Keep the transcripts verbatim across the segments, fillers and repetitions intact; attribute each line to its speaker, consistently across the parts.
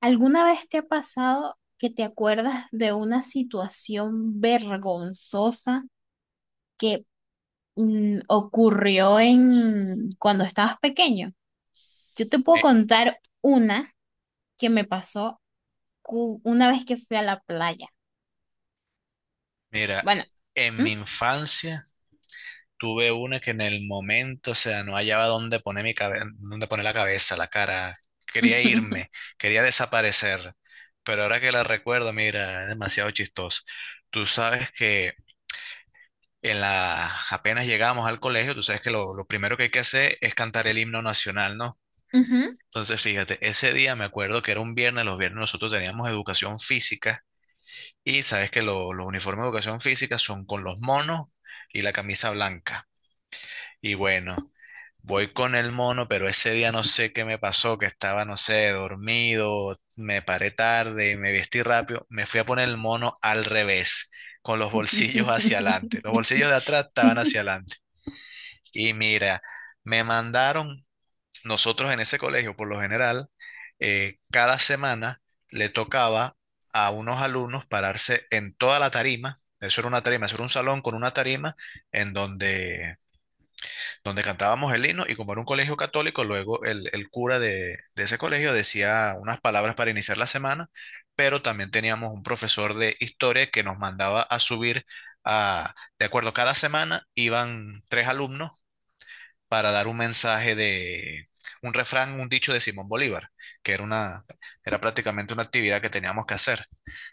Speaker 1: ¿Alguna vez te ha pasado que te acuerdas de una situación vergonzosa que mm, ocurrió en cuando estabas pequeño? Yo te puedo
Speaker 2: Mi-
Speaker 1: contar una que me pasó cu- una vez que fui a la playa.
Speaker 2: Mira,
Speaker 1: Bueno.
Speaker 2: en
Speaker 1: ¿Mm?
Speaker 2: mi infancia tuve una que en el momento, o sea, no hallaba dónde poner mi cabe- dónde poner la cabeza, la cara. Quería irme, quería desaparecer. Pero ahora que la recuerdo, mira, es demasiado chistoso. Tú sabes que en la, apenas llegamos al colegio, tú sabes que lo, lo primero que hay que hacer es cantar el himno nacional, ¿no?
Speaker 1: Ujú.
Speaker 2: Entonces, fíjate, ese día me acuerdo que era un viernes, los viernes nosotros teníamos educación física. Y sabes que lo- los uniformes de educación física son con los monos y la camisa blanca. Y bueno, voy con el mono, pero ese día no sé qué me pasó, que estaba, no sé, dormido, me paré tarde, me vestí rápido, me fui a poner el mono al revés, con los bolsillos hacia adelante. Los bolsillos de atrás estaban hacia adelante. Y mira, me mandaron, nosotros en ese colegio, por lo general, eh, cada semana le tocaba a unos alumnos pararse en toda la tarima. Eso era una tarima, eso era un salón con una tarima en donde, donde cantábamos el himno y como era un colegio católico, luego el, el cura de, de ese colegio decía unas palabras para iniciar la semana, pero también teníamos un profesor de historia que nos mandaba a subir a, de acuerdo, cada semana iban tres alumnos para dar un mensaje de un refrán, un dicho de Simón Bolívar, que era una, era prácticamente una actividad que teníamos que hacer.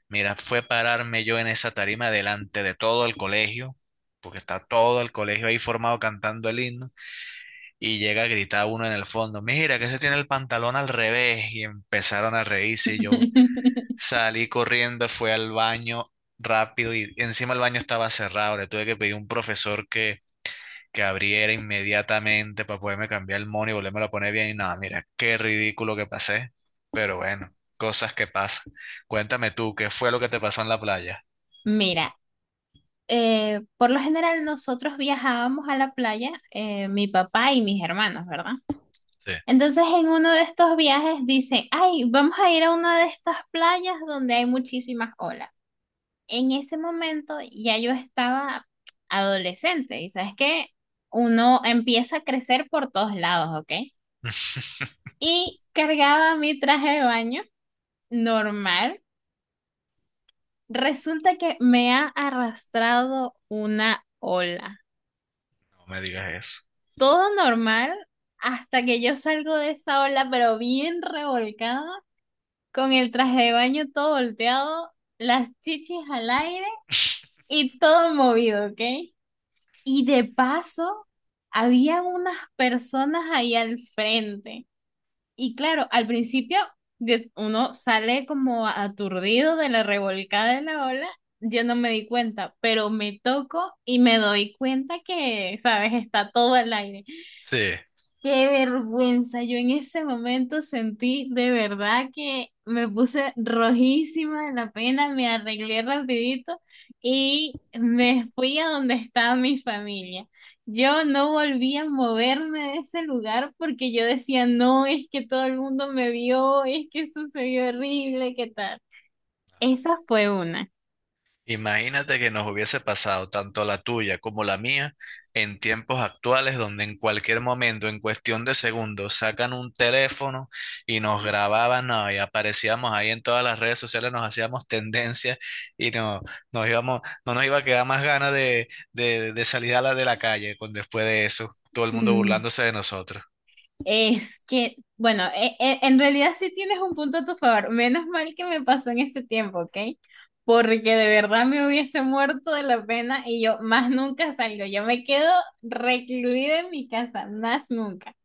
Speaker 2: Mira, fue pararme yo en esa tarima delante de todo el colegio, porque está todo el colegio ahí formado cantando el himno, y llega a gritar uno en el fondo, mira que se tiene el pantalón al revés, y empezaron a reírse, y yo salí corriendo, fui al baño rápido, y encima el baño estaba cerrado, le tuve que pedir a un profesor que que abriera inmediatamente para poderme cambiar el mono y volverme a poner bien. Y nada, mira, qué ridículo que pasé. Pero bueno, cosas que pasan. Cuéntame tú, ¿qué fue lo que te pasó en la playa?
Speaker 1: Mira, eh, por lo general nosotros viajábamos a la playa, eh, mi papá y mis hermanos, ¿verdad?
Speaker 2: Sí.
Speaker 1: Entonces en uno de estos viajes dicen, ay, vamos a ir a una de estas playas donde hay muchísimas olas. En ese momento ya yo estaba adolescente y sabes que uno empieza a crecer por todos lados, ¿ok? Y cargaba mi traje de baño normal. Resulta que me ha arrastrado una ola.
Speaker 2: No me digas eso.
Speaker 1: Todo normal hasta que yo salgo de esa ola, pero bien revolcada, con el traje de baño todo volteado, las chichis al aire y todo movido, ¿ok? Y de paso, había unas personas ahí al frente. Y claro, al principio de- uno sale como aturdido de la revolcada de la ola. Yo no me di cuenta, pero me toco y me doy cuenta que, ¿sabes? Está todo al aire.
Speaker 2: Sí.
Speaker 1: Qué vergüenza. Yo en ese momento sentí de verdad que me puse rojísima de la pena, me arreglé rapidito y me fui a donde estaba mi familia. Yo no volví a moverme de ese lugar porque yo decía, no, es que todo el mundo me vio, es que sucedió horrible, ¿qué tal? Esa fue una.
Speaker 2: Imagínate que nos hubiese pasado tanto la tuya como la mía en tiempos actuales donde en cualquier momento, en cuestión de segundos, sacan un teléfono y nos grababan, no, y aparecíamos ahí en todas las redes sociales, nos hacíamos tendencia y no, nos íbamos, no nos iba a quedar más ganas de, de, de salir a la de la calle con, después de eso, todo el mundo burlándose de nosotros.
Speaker 1: Es que, bueno, e- e- en realidad sí tienes un punto a tu favor. Menos mal que me pasó en ese tiempo, ¿ok? Porque de verdad me hubiese muerto de la pena y yo más nunca salgo. Yo me quedo recluida en mi casa, más nunca.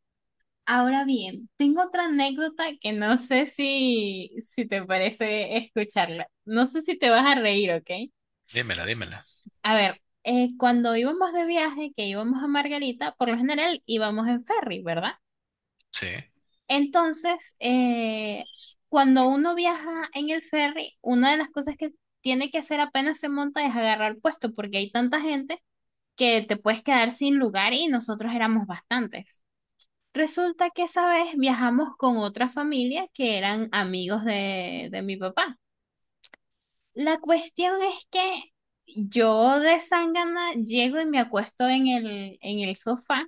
Speaker 1: Ahora bien, tengo otra anécdota que no sé si, si te parece escucharla. No sé si te vas a reír, ¿ok?
Speaker 2: Dímela, dímela.
Speaker 1: A ver, eh, cuando íbamos de viaje, que íbamos a Margarita, por lo general íbamos en ferry, ¿verdad?
Speaker 2: Sí,
Speaker 1: Entonces, eh, cuando uno viaja en el ferry, una de las cosas que tiene que hacer apenas se monta es agarrar puesto, porque hay tanta gente que te puedes quedar sin lugar y nosotros éramos bastantes. Resulta que esa vez viajamos con otra familia que eran amigos de, de mi papá. La cuestión es que yo de Sangana llego y me acuesto en el, en el sofá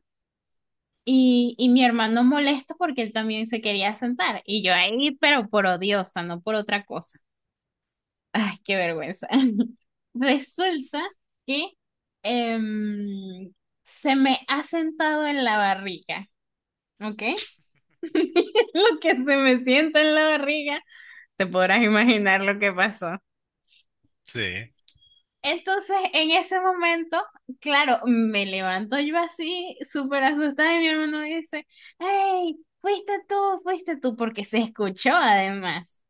Speaker 1: y, y mi hermano molesto porque él también se quería sentar. Y yo ahí, pero por odiosa, no por otra cosa. Ay, qué vergüenza. Resulta que em, se me ha sentado en la barriga, ¿ok? Lo que se me sienta en la barriga, te podrás imaginar lo que pasó.
Speaker 2: sí.
Speaker 1: Entonces, en ese momento, claro, me levanto yo así, súper asustada, y mi hermano dice, hey, fuiste tú, fuiste tú, porque se escuchó además.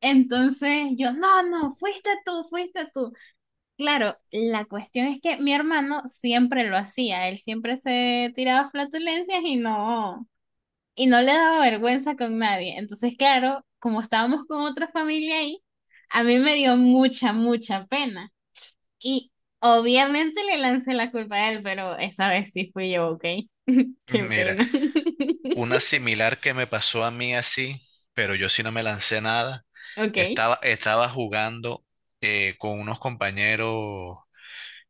Speaker 1: Entonces yo, no, no, fuiste tú, fuiste tú. Claro, la cuestión es que mi hermano siempre lo hacía, él siempre se tiraba flatulencias y no, y no le daba vergüenza con nadie. Entonces, claro, como estábamos con otra familia ahí, a mí me dio mucha, mucha pena. Y obviamente le lancé la culpa a él, pero esa vez sí fui yo, ¿ok? Qué
Speaker 2: Mira,
Speaker 1: pena.
Speaker 2: una similar que me pasó a mí así, pero yo sí no me lancé nada.
Speaker 1: Ok.
Speaker 2: Estaba, estaba jugando eh, con unos compañeros,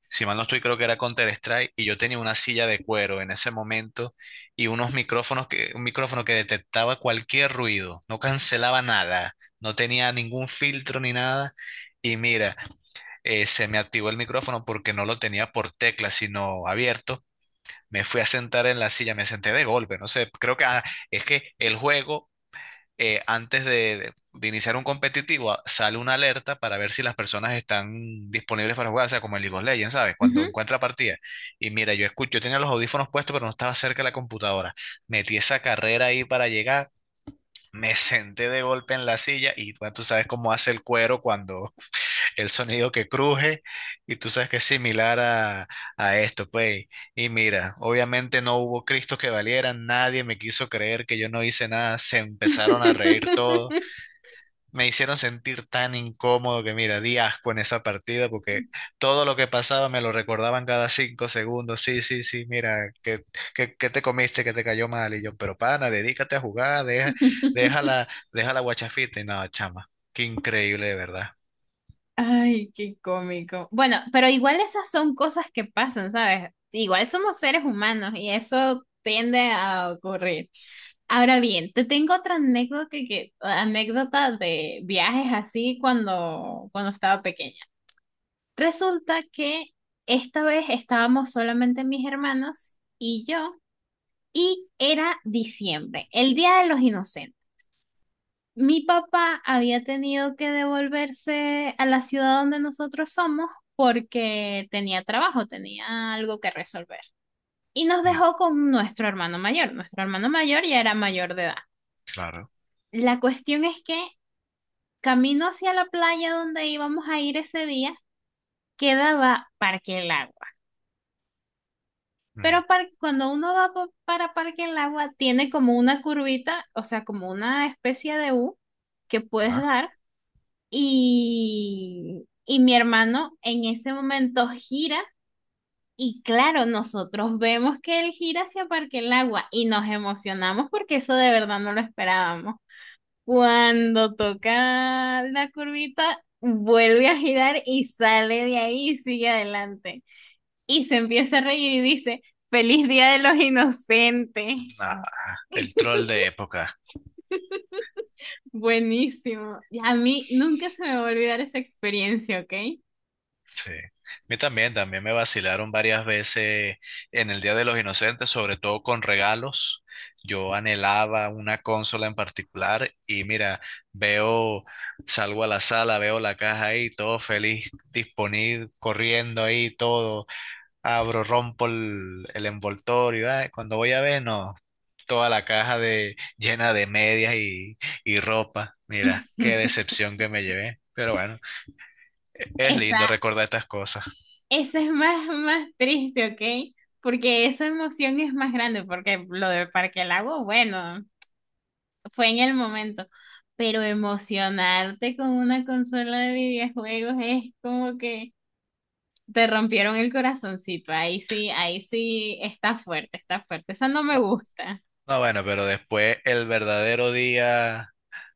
Speaker 2: si mal no estoy, creo que era Counter-Strike, y yo tenía una silla de cuero en ese momento y unos micrófonos que, un micrófono que detectaba cualquier ruido, no cancelaba nada, no tenía ningún filtro ni nada. Y mira, eh, se me activó el micrófono porque no lo tenía por tecla, sino abierto. Me fui a sentar en la silla, me senté de golpe, no sé, creo que ah, es que el juego, eh, antes de, de- de iniciar un competitivo, ah, sale una alerta para ver si las personas están disponibles para jugar, o sea, como en League of Legends, ¿sabes? Cuando
Speaker 1: Ujú.
Speaker 2: encuentra partida. Y mira, yo escucho, yo tenía los audífonos puestos, pero no estaba cerca de la computadora. Metí esa carrera ahí para llegar, me senté de golpe en la silla y bueno, tú sabes cómo hace el cuero cuando, el sonido que cruje y tú sabes que es similar a, a esto, pues. Y mira, obviamente no hubo Cristo que valiera, nadie me quiso creer que yo no hice nada, se empezaron a reír todos, me hicieron sentir tan incómodo que mira, di asco en esa partida porque todo lo que pasaba me lo recordaban cada cinco segundos, sí, sí, sí, mira, que, que, que te comiste, que te cayó mal, y yo, pero pana, dedícate a jugar, deja, deja la, deja la guachafita, y nada, chama, qué increíble de verdad.
Speaker 1: Ay, qué cómico. Bueno, pero igual esas son cosas que pasan, ¿sabes? Igual somos seres humanos y eso tiende a ocurrir. Ahora bien, te tengo otra anécdota que, que- anécdota de viajes así cuando, cuando estaba pequeña. Resulta que esta vez estábamos solamente mis hermanos y yo, y era diciembre, el Día de los Inocentes. Mi papá había tenido que devolverse a la ciudad donde nosotros somos porque tenía trabajo, tenía algo que resolver. Y nos
Speaker 2: Mm.
Speaker 1: dejó con nuestro hermano mayor. Nuestro hermano mayor ya era mayor de edad.
Speaker 2: Claro.
Speaker 1: La cuestión es que camino hacia la playa donde íbamos a ir ese día, quedaba Parque Lago.
Speaker 2: Ujú.
Speaker 1: Pero par- cuando uno va pa- para Parque El Agua, tiene como una curvita, o sea, como una especie de U que puedes
Speaker 2: Ah,
Speaker 1: dar. Y, y mi hermano en ese momento gira. Y claro, nosotros vemos que él gira hacia Parque El Agua y nos emocionamos porque eso de verdad no lo esperábamos. Cuando toca la curvita, vuelve a girar y sale de ahí y sigue adelante y se empieza a reír y dice, Feliz Día de los Inocentes.
Speaker 2: nah, el troll de época.
Speaker 1: Buenísimo. Y a mí nunca se me va a olvidar esa experiencia, ¿ok?
Speaker 2: Sí. A mí también, también me vacilaron varias veces en el Día de los Inocentes, sobre todo con regalos. Yo anhelaba una consola en particular y mira, veo, salgo a la sala, veo la caja ahí, todo feliz, disponible, corriendo ahí, todo. Abro, rompo el, el envoltorio. Ay, cuando voy a ver, no, toda la caja de, llena de medias y, y ropa. Mira, qué decepción que me llevé. Pero bueno, es
Speaker 1: Esa,
Speaker 2: lindo recordar estas cosas.
Speaker 1: esa es más, más triste, ¿ok? Porque esa emoción es más grande, porque lo del Parque del Lago, bueno, fue en el momento. Pero emocionarte con una consola de videojuegos es como que te rompieron el corazoncito. Ahí sí, ahí sí está fuerte, está fuerte. Esa no me
Speaker 2: No,
Speaker 1: gusta.
Speaker 2: no, bueno, pero después el verdadero día,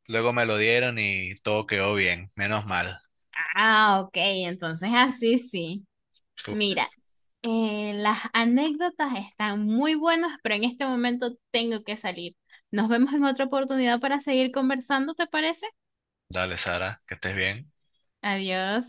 Speaker 2: luego me lo dieron y todo quedó bien, menos mal.
Speaker 1: Ah, ok, entonces así sí.
Speaker 2: Fu.
Speaker 1: Mira, eh, las anécdotas están muy buenas, pero en este momento tengo que salir. Nos vemos en otra oportunidad para seguir conversando, ¿te parece?
Speaker 2: Dale, Sara, que estés bien.
Speaker 1: Adiós.